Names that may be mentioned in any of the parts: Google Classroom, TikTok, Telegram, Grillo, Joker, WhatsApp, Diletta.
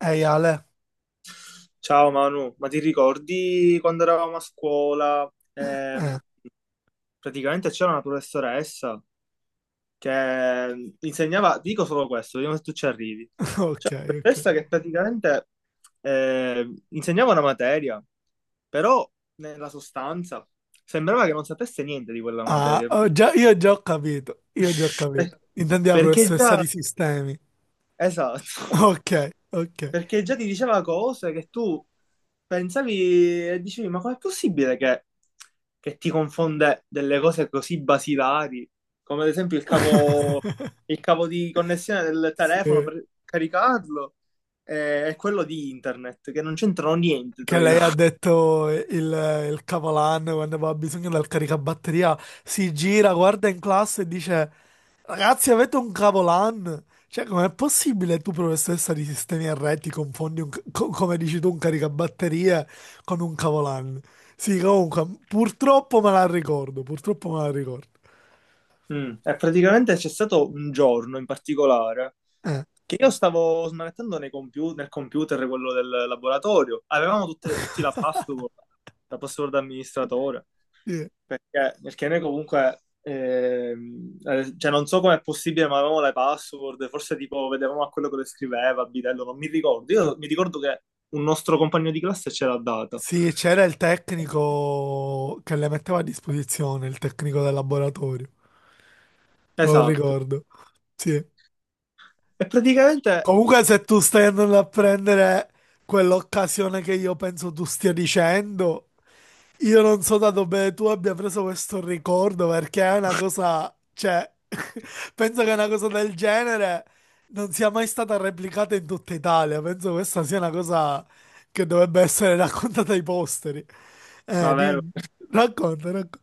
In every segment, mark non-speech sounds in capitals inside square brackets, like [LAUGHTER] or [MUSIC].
Ehi Ale? Ciao Manu, ma ti ricordi quando eravamo a scuola? Eh, Praticamente c'era una professoressa che insegnava, dico solo questo, vediamo se tu ci arrivi. [LAUGHS] ok, C'era una ok. professoressa che praticamente insegnava una materia, però nella sostanza sembrava che non sapesse niente di quella Ah, materia. ho già- io già ho capito, io già ho [LAUGHS] capito. Per- Intendi la Perché professoressa già, di sistemi. [LAUGHS] esatto, Ok, ok. perché già ti diceva cose che tu pensavi e dicevi, ma com'è possibile che ti confonde delle cose così basilari, come ad esempio il cavo di connessione del telefono Sì, per caricarlo e quello di internet, che non c'entrano niente che tra i lei loro. ha [LAUGHS] detto il capolanno quando aveva bisogno del caricabatteria, si gira, guarda in classe e dice: ragazzi, avete un cavolan? Cioè, com'è possibile tu, professoressa di sistemi RT, ti confondi, un, ca- co- come dici tu, un caricabatterie con un cavolan? Sì, comunque, purtroppo me la ricordo, purtroppo me la ricordo. Mm. E praticamente c'è stato un giorno in particolare Eh, che io stavo smanettando nel computer quello del laboratorio, tutti la password da amministratore. sì. Perché noi comunque, cioè non so com'è possibile, ma avevamo le password, forse tipo vedevamo a quello che le scriveva, a bidello, non mi ricordo. Io mi ricordo che un nostro compagno di classe ce l'ha data. Sì, c'era il tecnico che le metteva a disposizione, il tecnico del laboratorio, lo Esatto. ricordo. Sì. E praticamente, Comunque, se tu stai andando a prendere quell'occasione che io penso tu stia dicendo... Io non so da dove tu abbia preso questo ricordo perché è una cosa, cioè, [LAUGHS] penso che una cosa del genere non sia mai stata replicata in tutta Italia. Penso questa sia una cosa che dovrebbe essere [LAUGHS] raccontata ai posteri. Ma vero, Dimmi. Racconta, racconta.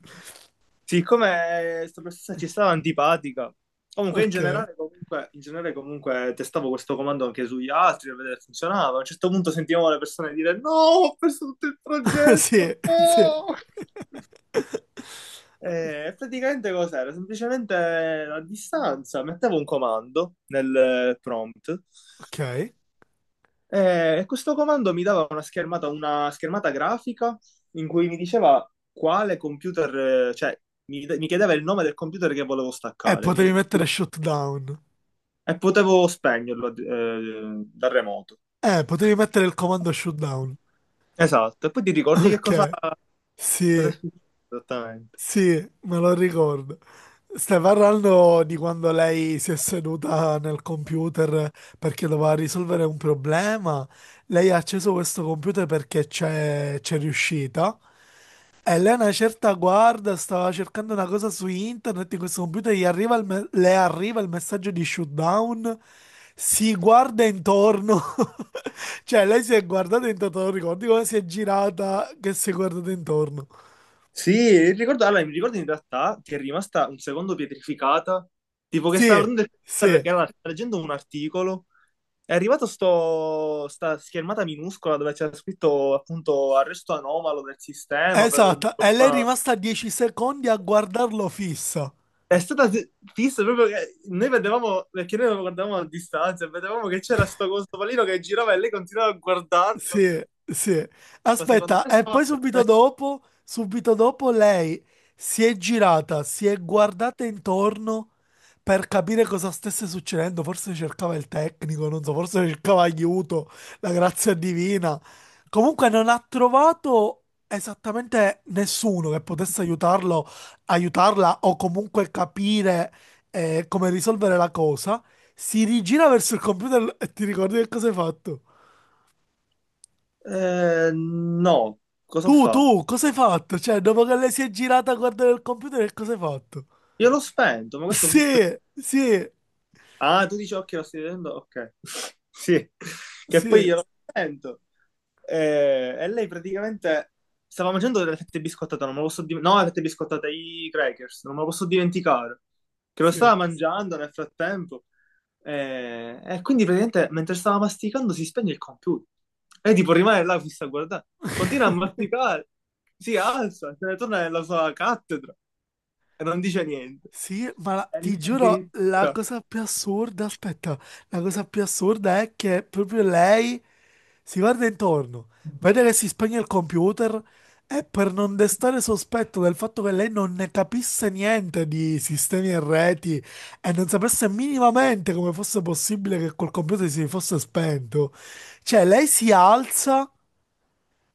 siccome questa professoressa ci stava antipatica, comunque in Ok, generale, comunque, in generale comunque testavo questo comando anche sugli altri per vedere se funzionava. A un certo punto sentivamo le persone dire no, ho perso tutto il [LAUGHS] progetto, sì, sì, no! E praticamente cos'era? Semplicemente a distanza mettevo un comando nel prompt, ok. E questo comando mi dava una schermata grafica in cui mi diceva quale computer, cioè mi chiedeva il nome del computer che volevo Potevi mettere shutdown. e potevo spegnerlo da remoto. Potevi mettere il comando shutdown. Esatto, e poi ti ricordi che cosa Ok, cosa è sì, successo esattamente? sì, me lo ricordo. Stai parlando di quando lei si è seduta nel computer perché doveva risolvere un problema. Lei ha acceso questo computer perché c'è riuscita. E lei a una certa guarda, stava cercando una cosa su internet, in questo computer gli arriva il me- le arriva il messaggio di shutdown, si guarda intorno, [LAUGHS] cioè lei si è guardata intorno, non ricordi come si è girata che si è guardata intorno. Sì, ricordo, allora, mi ricordo in realtà che è rimasta un secondo pietrificata, tipo che stava Sì, guardando sì. Stava leggendo un articolo, è arrivata sta schermata minuscola dove c'era scritto appunto arresto anomalo del sistema per un Esatto, e lei è problema. rimasta 10 secondi a guardarlo fissa. È stata fi- Fissa proprio che noi vedevamo, perché noi lo guardavamo a distanza, e vedevamo che c'era questo pallino che girava e lei continuava a guardarlo, Sì, sì. ma secondo Aspetta, me e stava... poi subito dopo lei si è girata, si è guardata intorno per capire cosa stesse succedendo. Forse cercava il tecnico, non so, forse cercava aiuto, la grazia divina. Comunque non ha trovato esattamente nessuno che potesse aiutarlo, aiutarla o comunque capire come risolvere la cosa. Si rigira verso il computer e ti ricordi che cosa hai fatto? No, cosa ho Tu, fatto? tu, cosa hai fatto? Cioè, dopo che lei si è girata a guardare il computer, che cosa hai fatto? Io l'ho spento, ma questo fu... Sì, sì, Ah, tu dici occhio, lo stai vedendo? Ok. [LAUGHS] Sì, che poi sì, io lo sento. Lei praticamente stava mangiando delle fette biscottate, non me lo posso dimenticare. No, le fette biscottate, i crackers, non me lo posso dimenticare. Che lo sì. stava mangiando nel frattempo. Quindi praticamente mentre stava masticando si spegne il computer. E tipo rimane là fissa a guardare. Continua a masticare. Si alza, se ne torna nella sua cattedra e non dice niente. Sì, ma la- E ti noi giuro, la addirittura. cosa più assurda, aspetta, la cosa più assurda è che proprio lei si guarda intorno, vede che si spegne il computer e per non destare sospetto del fatto che lei non ne capisse niente di sistemi e reti e non sapesse minimamente come fosse possibile che quel computer si fosse spento, cioè lei si alza.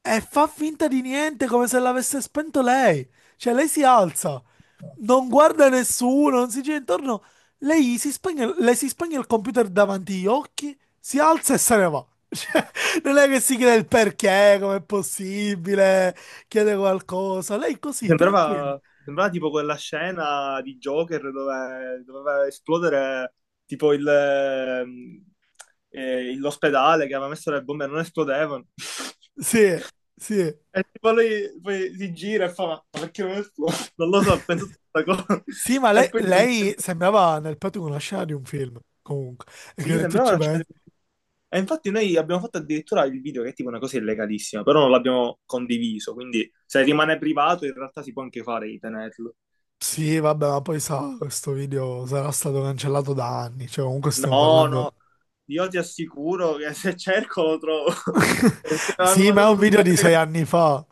E fa finta di niente come se l'avesse spento lei. Cioè, lei si alza, non guarda nessuno, non si gira intorno. Lei si spegne, le si spegne il computer davanti agli occhi, si alza e se ne va. Non è che si chiede il perché, com'è possibile, chiede qualcosa. Lei Mi così, tranquilla. Sembrava, mi sembrava tipo quella scena di Joker dove doveva esplodere tipo l'ospedale che aveva messo le bombe e non esplodevano. [LAUGHS] Sì, sì. E tipo lui poi si gira e fa, ma perché non esplode? [LAUGHS] Non lo so, ho pensato a questa cosa. Sì, ma [LAUGHS] lei, E poi tipo, lei sembrava nel petto di una scena di un film, comunque. E sì, che tu sembrava ci una scena pensi. di... E infatti noi abbiamo fatto addirittura il video che è tipo una cosa illegalissima, però non l'abbiamo condiviso, quindi se rimane privato in realtà si può anche fare di tenerlo. Sì, vabbè, ma poi sa, questo video sarà stato cancellato da anni, cioè comunque stiamo No, no, parlando... io ti assicuro che se cerco lo trovo. [LAUGHS] Perché me [LAUGHS] l'hanno Sì, ma è mandato un su video di sei Telegram. anni fa.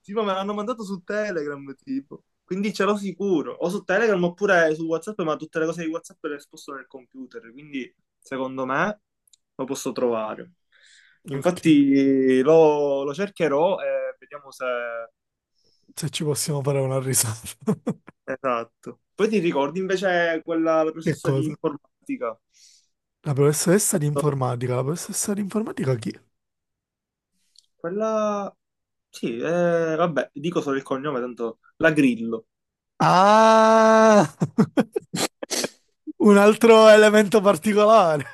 Sì, ma me l'hanno mandato su Telegram, tipo. Quindi ce l'ho sicuro. O su Telegram oppure su WhatsApp, ma tutte le cose di WhatsApp le sposto nel computer. Quindi, secondo me, lo posso trovare. Ok, Infatti, lo cercherò e vediamo se... se ci possiamo fare una risata. [LAUGHS] Esatto. Poi ti ricordi invece quella, la Che professoressa di cosa? informatica? La professoressa di informatica, la professoressa di informatica chi? Quella... Sì, vabbè, dico solo il cognome, tanto la Grillo. Ah, [LAUGHS] [LAUGHS] un altro elemento particolare.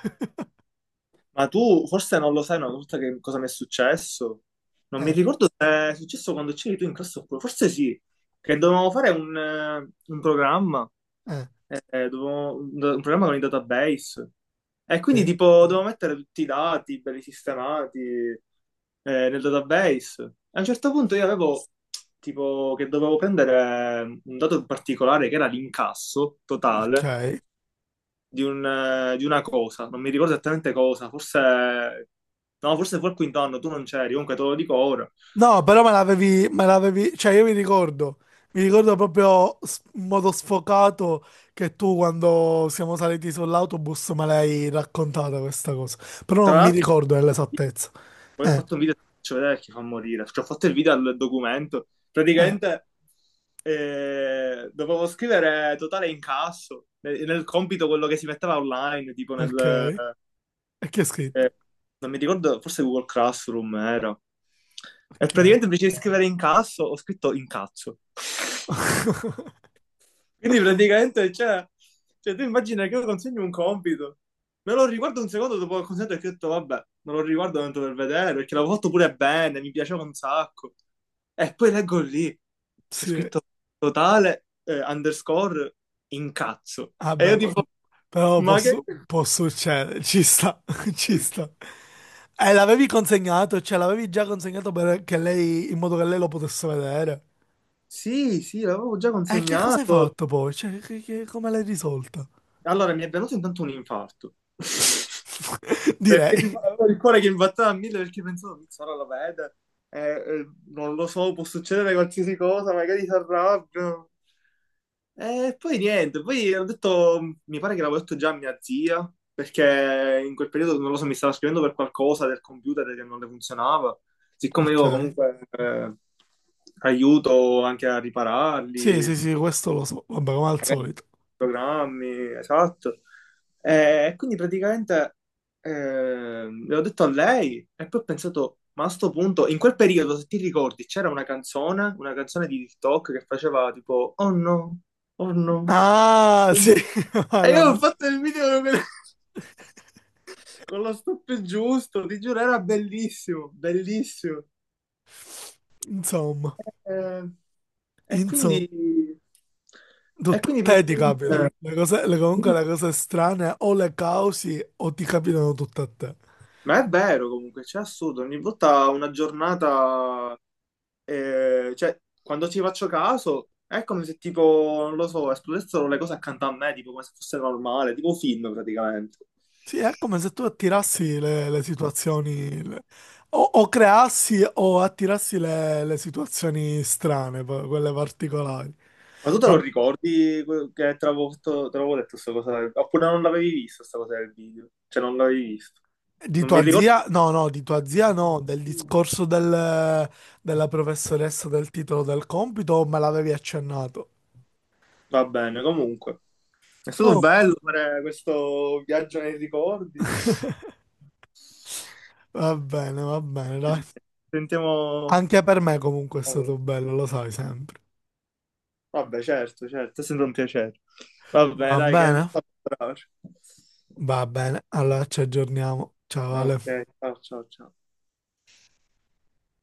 Ma tu forse non lo sai una volta che cosa mi è successo? Non mi Eh, ricordo se è successo quando c'eri tu in classe oppure, forse sì, che dovevamo fare un programma, eh, un programma con i database. E quindi sì. tipo dovevo mettere tutti i dati belli sistemati nel database. E a un certo punto io avevo tipo che dovevo prendere un dato particolare che era l'incasso Ok. totale di, di una cosa, non mi ricordo esattamente cosa, forse, no, forse fu al quinto anno, tu non c'eri, comunque te lo dico ora. No, però me l'avevi, cioè io mi ricordo proprio s- in modo sfocato che tu quando siamo saliti sull'autobus me l'hai raccontata questa cosa, però Tra non mi l'altro, ricordo nell'esattezza. poi ho Eh, fatto un video, faccio vedere chi fa morire, cioè, ho fatto il video al documento, eh, praticamente dovevo scrivere totale incasso, nel compito quello che si metteva online, tipo ok. nel... E che è eh, scritto? non mi ricordo, forse Google Classroom era. E Ok, praticamente invece di scrivere incasso, ho scritto incazzo. [LAUGHS] Quindi praticamente, cioè, tu immagina che io consegno un compito, me lo riguardo un secondo dopo che ho consegnato e che ho detto, vabbè, me lo riguardo tanto per vedere, perché l'avevo fatto pure bene, mi piaceva un sacco. E poi leggo lì, c'è sì, scritto totale, underscore, incazzo. E io vabbè, tipo, po- però ma che... posso, può succedere, ci sta, [LAUGHS] ci sta. [CLEARS THROAT] E l'avevi consegnato, cioè l'avevi già consegnato perché lei, in modo che lei lo potesse vedere. Sì, sì, l'avevo già E che cosa hai consegnato. fatto poi? Cioè, che- come l'hai risolta? Allora, mi è venuto intanto un infarto. Direi. Perché tipo, avevo il cuore che imbatteva a mille perché pensavo, "Pizzo, ora lo vede, eh, non lo so, può succedere qualsiasi cosa, magari si arrabbia. E poi niente, poi ho detto, mi pare che l'avevo detto già a mia zia, perché in quel periodo, non lo so, mi stava scrivendo per qualcosa del computer che non le funzionava. Siccome io Ok. comunque aiuto anche a Sì, sì, ripararli, sì, questo lo so. Vabbè, come al solito. programmi, esatto. E quindi praticamente l'ho detto a lei e poi ho pensato, ma a sto punto, in quel periodo, se ti ricordi, c'era una canzone di TikTok che faceva tipo, oh no, oh no. Ah, sì. [LAUGHS] E io Allora, ho fatto il video con, [LAUGHS] con lo stop giusto, ti giuro, era bellissimo, bellissimo. insomma, Eh, e insomma, quindi, e tutto a quindi te ti capitano. praticamente... Le cose, le- comunque le Sì. cose strane o le causi o ti capitano tutte a te. Ma è vero comunque, c'è assurdo, ogni volta una giornata, cioè quando ci faccio caso è come se tipo, non lo so, esplodessero le cose accanto a me, tipo come se fosse normale, tipo un film praticamente. Sì, è come se tu attirassi le situazioni, le- o creassi o attirassi le situazioni strane, poi, quelle particolari. Ma tu te lo ricordi que- che te l'avevo fatto- te l'avevo detto questa cosa? Oppure non l'avevi vista questa cosa del video? Cioè non l'avevi visto? Di Non mi tua ricordo. zia? No, no, di tua zia no, del discorso del- della professoressa del titolo del compito o me l'avevi accennato? Va bene, comunque. È stato Comunque, bello fare questo viaggio nei ricordi. Va bene, dai. Sentiamo... Anche per me comunque è Oh, stato bello, lo sai sempre. vabbè, certo, certo, è sempre un piacere. Vabbè, Va dai, che mi bene? fa bravo. Va bene, allora ci aggiorniamo. Ciao Ale. Ok, ciao, ciao, ciao.